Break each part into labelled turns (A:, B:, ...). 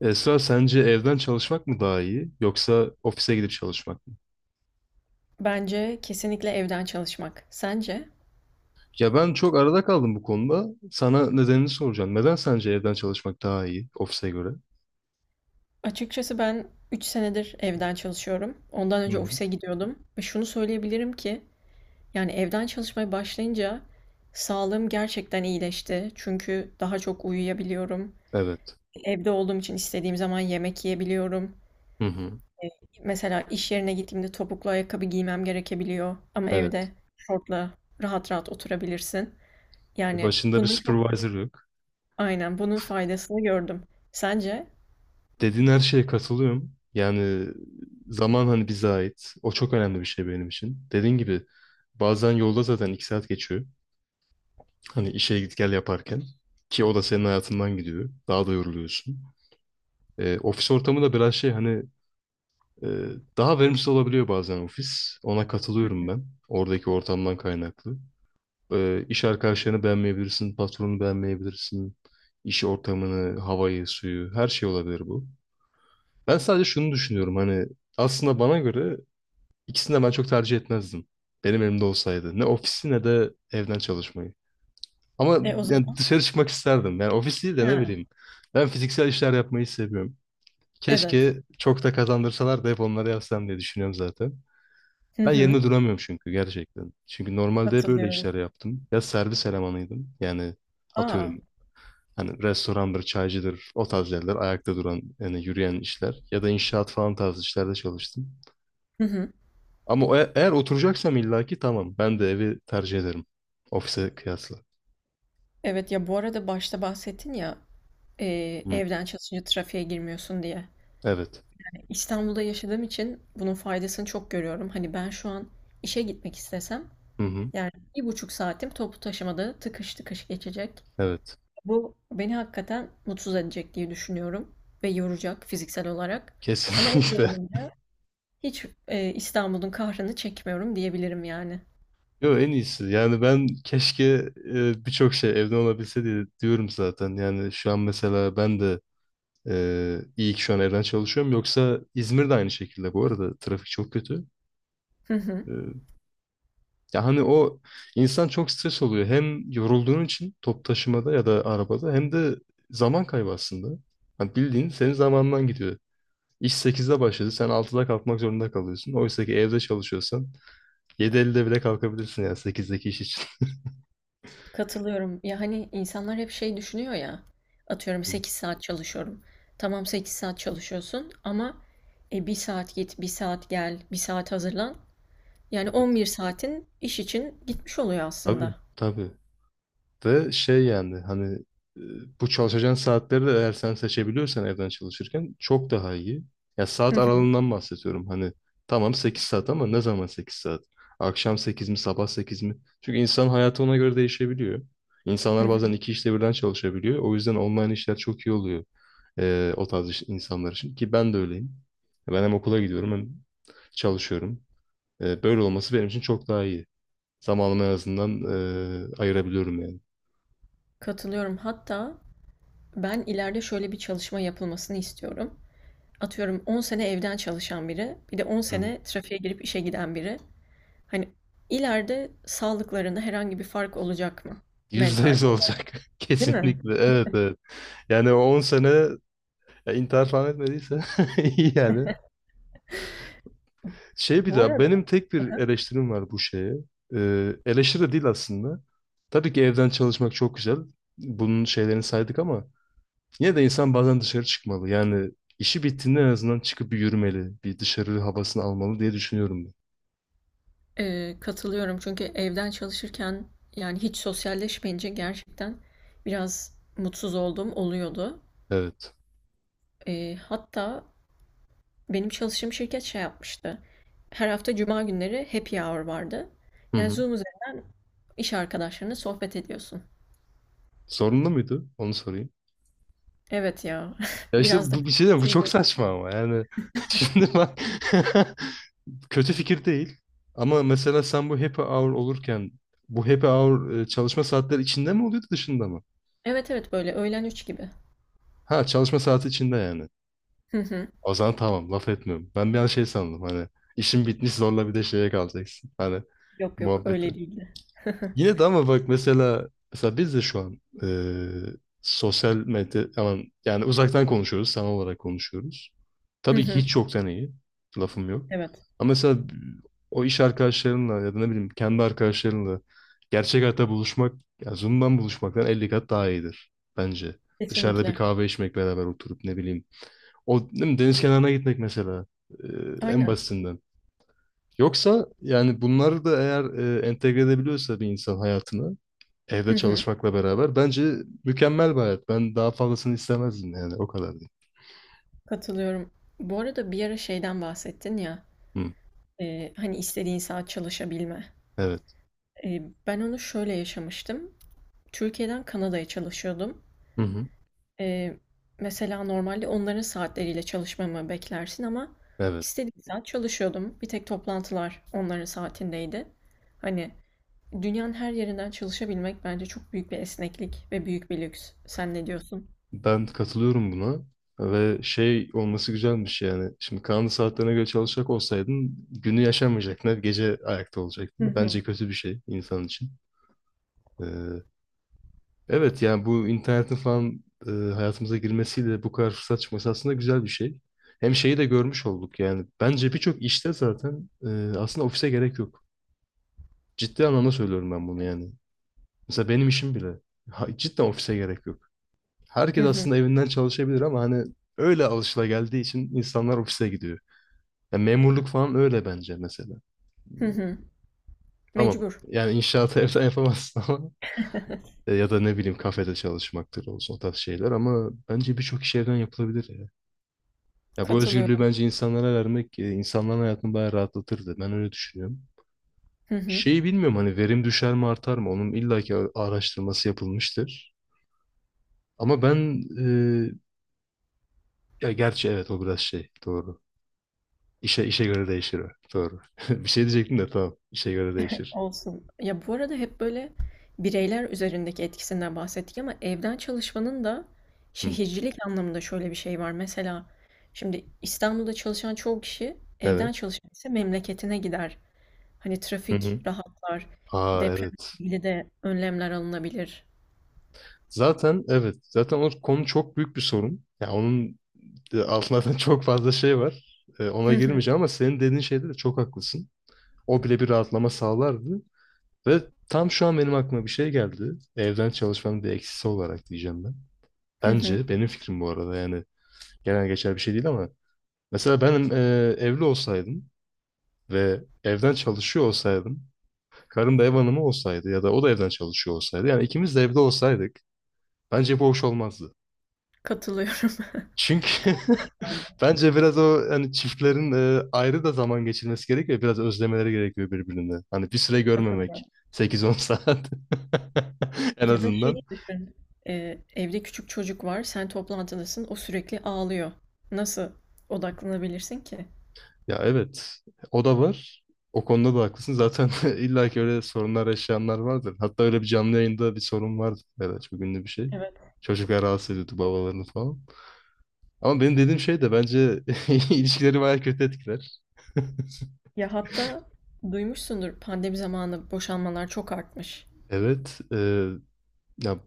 A: Esra sence evden çalışmak mı daha iyi yoksa ofise gidip çalışmak mı?
B: Bence kesinlikle evden çalışmak. Sence?
A: Ya ben çok arada kaldım bu konuda. Sana nedenini soracağım. Neden sence evden çalışmak daha iyi ofise göre?
B: Açıkçası ben 3 senedir evden çalışıyorum. Ondan
A: Hı
B: önce
A: hı.
B: ofise gidiyordum. Ve şunu söyleyebilirim ki yani evden çalışmaya başlayınca sağlığım gerçekten iyileşti. Çünkü daha çok uyuyabiliyorum.
A: Evet.
B: Evde olduğum için istediğim zaman yemek yiyebiliyorum.
A: Hı hı.
B: Mesela iş yerine gittiğimde topuklu ayakkabı giymem gerekebiliyor. Ama evde
A: Evet.
B: şortla rahat rahat oturabilirsin. Yani
A: Başında bir
B: bunun çok
A: supervisor yok.
B: aynen bunun faydasını gördüm. Sence?
A: Dediğin her şeye katılıyorum. Yani zaman hani bize ait. O çok önemli bir şey benim için. Dediğin gibi bazen yolda zaten 2 saat geçiyor. Hani işe git gel yaparken. Ki o da senin hayatından gidiyor. Daha da yoruluyorsun. Ofis ortamı da biraz şey hani. Ee, daha verimsiz olabiliyor bazen ofis. Ona katılıyorum ben. Oradaki ortamdan kaynaklı. İş arkadaşlarını beğenmeyebilirsin, patronu beğenmeyebilirsin. İş ortamını, havayı, suyu, her şey olabilir bu. Ben sadece şunu düşünüyorum hani aslında bana göre ikisini de ben çok tercih etmezdim. Benim elimde olsaydı. Ne ofisi ne de evden çalışmayı. Ama
B: E o
A: yani
B: zaman.
A: dışarı çıkmak isterdim. Yani ofis değil de ne
B: Ha.
A: bileyim. Ben fiziksel işler yapmayı seviyorum.
B: Evet.
A: Keşke çok da kazandırsalar da hep onları yapsam diye düşünüyorum zaten.
B: Hı
A: Ben
B: hı.
A: yerinde duramıyorum çünkü gerçekten. Çünkü normalde hep öyle
B: Katılıyorum.
A: işler yaptım. Ya servis elemanıydım. Yani atıyorum
B: A!
A: hani restorandır, çaycıdır, o tarz yerler, ayakta duran, yani yürüyen işler. Ya da inşaat falan tarzı işlerde çalıştım.
B: Hı hı.
A: Ama eğer oturacaksam illaki tamam. Ben de evi tercih ederim. Ofise kıyasla.
B: Evet, ya, bu arada başta bahsettin ya,
A: Hı.
B: evden çalışınca trafiğe girmiyorsun diye.
A: Evet.
B: İstanbul'da yaşadığım için bunun faydasını çok görüyorum. Hani, ben şu an işe gitmek istesem,
A: Hı hı.
B: yani, 1,5 saatim toplu taşımada tıkış tıkış geçecek.
A: Evet.
B: Bu beni hakikaten mutsuz edecek diye düşünüyorum ve yoracak fiziksel olarak. Ama evde
A: Kesinlikle.
B: olunca hiç, İstanbul'un kahrını çekmiyorum diyebilirim yani.
A: Yo en iyisi. Yani ben keşke birçok şey evden olabilse diye diyorum zaten. Yani şu an mesela ben de. İyi ki şu an evden çalışıyorum. Yoksa İzmir'de aynı şekilde bu arada. Trafik çok kötü. Ee, ya hani o insan çok stres oluyor. Hem yorulduğun için top taşımada ya da arabada hem de zaman kaybı aslında. Hani bildiğin senin zamanından gidiyor. İş 8'de başladı. Sen 6'da kalkmak zorunda kalıyorsun. Oysa ki evde çalışıyorsan 7.50'de bile kalkabilirsin ya 8'deki iş için.
B: Katılıyorum. Ya hani insanlar hep şey düşünüyor ya. Atıyorum
A: Hı,
B: 8 saat çalışıyorum. Tamam 8 saat çalışıyorsun ama 1 saat git, bir saat gel, bir saat hazırlan. Yani on
A: evet.
B: bir saatin iş için gitmiş oluyor
A: Tabii,
B: aslında.
A: tabii. de şey yani hani e, bu çalışacağın saatleri de eğer sen seçebiliyorsan evden çalışırken çok daha iyi. Ya
B: Hı
A: saat
B: hı,
A: aralığından bahsediyorum. Hani tamam 8 saat ama ne zaman 8 saat? Akşam 8 mi sabah 8 mi? Çünkü insan hayatı ona göre değişebiliyor.
B: hı
A: İnsanlar bazen
B: hı.
A: iki işte birden çalışabiliyor. O yüzden online işler çok iyi oluyor o tarz insanlar için. Ki ben de öyleyim. Ben hem okula gidiyorum hem çalışıyorum. Böyle olması benim için çok daha iyi. Zamanımı en azından ayırabiliyorum yani.
B: Katılıyorum. Hatta ben ileride şöyle bir çalışma yapılmasını istiyorum. Atıyorum 10 sene evden çalışan biri, bir de 10 sene trafiğe girip işe giden biri. Hani ileride sağlıklarında herhangi bir fark olacak mı?
A: Yüzde
B: Mental.
A: yüz olacak.
B: Değil mi?
A: Kesinlikle. Evet, evet. Yani o 10 sene ya, intihar falan etmediyse iyi yani. Şey bir
B: Bu
A: daha
B: arada
A: benim tek bir eleştirim var bu şeye. Eleştiri de değil aslında. Tabii ki evden çalışmak çok güzel. Bunun şeylerini saydık ama yine de insan bazen dışarı çıkmalı. Yani işi bittiğinde en azından çıkıp bir yürümeli. Bir dışarı havasını almalı diye düşünüyorum ben.
B: Katılıyorum çünkü evden çalışırken, yani, hiç sosyalleşmeyince gerçekten biraz mutsuz olduğum oluyordu.
A: Evet.
B: Hatta benim çalıştığım şirket şey yapmıştı, her hafta cuma günleri happy hour vardı.
A: Hı
B: Yani,
A: hı.
B: Zoom üzerinden iş arkadaşlarınla sohbet ediyorsun.
A: Sorunlu muydu? Onu sorayım.
B: Evet ya,
A: Ya işte
B: biraz da.
A: bu bir şey diyeyim, bu çok saçma ama yani şimdi bak. Kötü fikir değil. Ama mesela sen bu happy hour olurken bu happy hour çalışma saatleri içinde mi oluyordu dışında mı?
B: Evet, evet, böyle öğlen 3 gibi.
A: Ha çalışma saati içinde yani.
B: Hı hı.
A: O zaman tamam laf etmiyorum. Ben bir an şey sandım hani işin bitmiş zorla bir de şeye kalacaksın. Hani
B: Yok, yok,
A: muhabbeti.
B: öyle değildi.
A: Yine de ama bak mesela biz de şu an sosyal medya aman, yani uzaktan konuşuyoruz, sanal olarak konuşuyoruz.
B: Hı
A: Tabii ki
B: hı.
A: hiç yoktan iyi. Lafım yok.
B: Evet,
A: Ama mesela o iş arkadaşlarınla ya da ne bileyim kendi arkadaşlarınla gerçek hayatta buluşmak, ya Zoom'dan buluşmaktan 50 kat daha iyidir bence. Dışarıda bir
B: kesinlikle.
A: kahve içmek beraber oturup ne bileyim. O değil mi, deniz kenarına gitmek mesela, eee, en
B: Aynen.
A: basitinden. Yoksa yani bunları da eğer entegre edebiliyorsa bir insan hayatına,
B: Hı
A: evde
B: hı.
A: çalışmakla beraber bence mükemmel bir hayat. Ben daha fazlasını istemezdim yani o kadar diyeyim.
B: Katılıyorum. Bu arada bir ara şeyden bahsettin ya,
A: Hı,
B: Hani, istediğin saat çalışabilme.
A: evet.
B: Ben onu şöyle yaşamıştım. Türkiye'den Kanada'ya çalışıyordum.
A: Hı hı.
B: Eee, mesela normalde onların saatleriyle çalışmamı beklersin ama
A: Evet.
B: istediğim saat çalışıyordum. Bir tek toplantılar onların saatindeydi. Hani, dünyanın her yerinden çalışabilmek bence çok büyük bir esneklik ve büyük bir lüks. Sen ne diyorsun?
A: Ben katılıyorum buna. Ve şey olması güzelmiş yani. Şimdi kanun saatlerine göre çalışacak olsaydın günü yaşamayacaktın. Hep gece ayakta
B: Hı
A: olacaktın.
B: hı.
A: Bence kötü bir şey insan için. Ee, evet yani bu internetin falan hayatımıza girmesiyle bu kadar fırsat çıkması aslında güzel bir şey. Hem şeyi de görmüş olduk yani. Bence birçok işte zaten aslında ofise gerek yok. Ciddi anlamda söylüyorum ben bunu yani. Mesela benim işim bile. Ha, cidden ofise gerek yok.
B: Hı
A: Herkes
B: hı.
A: aslında evinden çalışabilir ama hani öyle alışılageldiği için insanlar ofise gidiyor. Ya memurluk falan öyle bence mesela.
B: Hı hı.
A: Tamam.
B: Mecbur.
A: Yani inşaatı evden yapamazsın ama ya da ne bileyim kafede çalışmaktır olsun o tarz şeyler ama bence birçok iş evden yapılabilir ya. Ya bu özgürlüğü
B: Katılıyorum.
A: bence insanlara vermek insanların hayatını bayağı rahatlatırdı. Ben öyle düşünüyorum.
B: Hı hı.
A: Şeyi bilmiyorum hani verim düşer mi artar mı? Onun illaki araştırması yapılmıştır. Ama ben ya gerçi evet o biraz şey doğru. İşe göre değişir o. Doğru. Bir şey diyecektim de tamam. İşe göre değişir.
B: Olsun. Ya bu arada hep böyle bireyler üzerindeki etkisinden bahsettik ama evden çalışmanın da
A: Hı.
B: şehircilik anlamında şöyle bir şey var. Mesela şimdi İstanbul'da çalışan çoğu kişi evden
A: Evet.
B: çalışan ise memleketine gider. Hani
A: Hı
B: trafik
A: hı.
B: rahatlar,
A: Aa
B: depremle
A: evet.
B: ilgili de önlemler alınabilir.
A: Zaten evet. Zaten o konu çok büyük bir sorun. Ya onun altında zaten çok fazla şey var. Ona
B: Hı hı,
A: girmeyeceğim ama senin dediğin şeyde de çok haklısın. O bile bir rahatlama sağlardı. Ve tam şu an benim aklıma bir şey geldi. Evden çalışmanın bir eksisi olarak diyeceğim ben.
B: hı hı.
A: Bence benim fikrim bu arada yani genel geçer bir şey değil ama mesela ben evli olsaydım ve evden çalışıyor olsaydım, karım da ev hanımı olsaydı ya da o da evden çalışıyor olsaydı, yani ikimiz de evde olsaydık bence bu hoş olmazdı.
B: Katılıyorum.
A: Çünkü
B: Katılıyorum.
A: bence biraz o hani çiftlerin ayrı da zaman geçirmesi gerekiyor, biraz özlemeleri gerekiyor birbirini. Hani bir süre görmemek,
B: Katılıyorum.
A: 8-10 saat en
B: Ya da
A: azından.
B: şeyi düşün. Evde küçük çocuk var, sen toplantıdasın, o sürekli ağlıyor. Nasıl odaklanabilirsin ki?
A: Ya evet, o da var. O konuda da haklısın. Zaten illa ki öyle sorunlar yaşayanlar vardır. Hatta öyle bir canlı yayında bir sorun vardı. Evet, çok ünlü bir şey.
B: Evet.
A: Çocuklar rahatsız ediyordu babalarını falan. Ama benim dediğim şey de bence ilişkileri bayağı kötü etkiler.
B: Ya hatta duymuşsundur pandemi zamanı boşanmalar çok artmış.
A: Evet, ya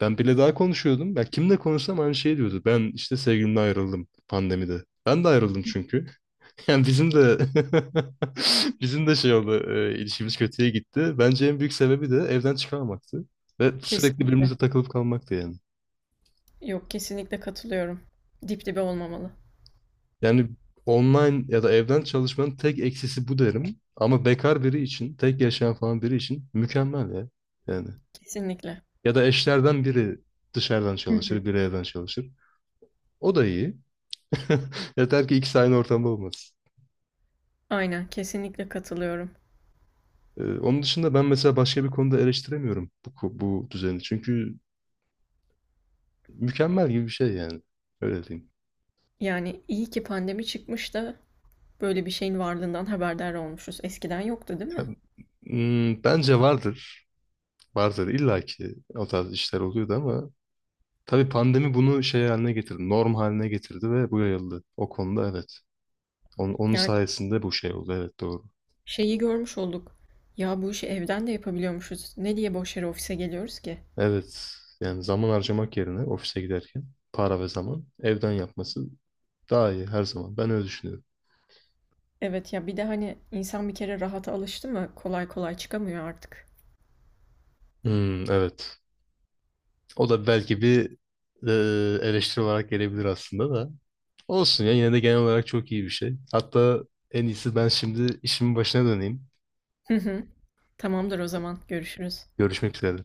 A: ben bile daha konuşuyordum. Ya kimle konuşsam aynı şey diyordu. Ben işte sevgilimle ayrıldım pandemide. Ben de ayrıldım çünkü. Yani bizim de bizim de şey oldu, ilişkimiz kötüye gitti. Bence en büyük sebebi de evden çıkamamaktı ve sürekli
B: Kesinlikle.
A: birbirimize takılıp kalmaktı yani.
B: Yok kesinlikle katılıyorum. Dip dibe olmamalı.
A: Yani online ya da evden çalışmanın tek eksisi bu derim. Ama bekar biri için, tek yaşayan falan biri için mükemmel ya. Yani
B: Kesinlikle.
A: ya da eşlerden biri dışarıdan
B: Hı hı.
A: çalışır, biri evden çalışır. O da iyi. Yeter ki ikisi aynı ortamda olmasın.
B: Aynen kesinlikle katılıyorum.
A: Onun dışında ben mesela başka bir konuda eleştiremiyorum bu düzeni. Çünkü mükemmel gibi bir şey yani. Öyle diyeyim.
B: Yani iyi ki pandemi çıkmış da böyle bir şeyin varlığından haberdar olmuşuz. Eskiden yoktu değil
A: Ya,
B: mi?
A: bence vardır. Vardır. İlla ki o tarz işler oluyordu ama tabii pandemi bunu şey haline getirdi. Norm haline getirdi ve bu yayıldı. O konuda evet. Onun
B: Yani
A: sayesinde bu şey oldu. Evet doğru.
B: şeyi görmüş olduk. Ya bu işi evden de yapabiliyormuşuz. Ne diye boş yere ofise geliyoruz ki?
A: Evet. Yani zaman harcamak yerine ofise giderken para ve zaman evden yapması daha iyi her zaman. Ben öyle düşünüyorum.
B: Evet ya bir de hani insan bir kere rahata alıştı mı kolay kolay çıkamıyor artık.
A: Hmm, evet. O da belki bir eleştiri olarak gelebilir aslında da. Olsun ya yine de genel olarak çok iyi bir şey. Hatta en iyisi ben şimdi işimin başına döneyim.
B: Hı hı. Tamamdır o zaman. Görüşürüz.
A: Görüşmek üzere.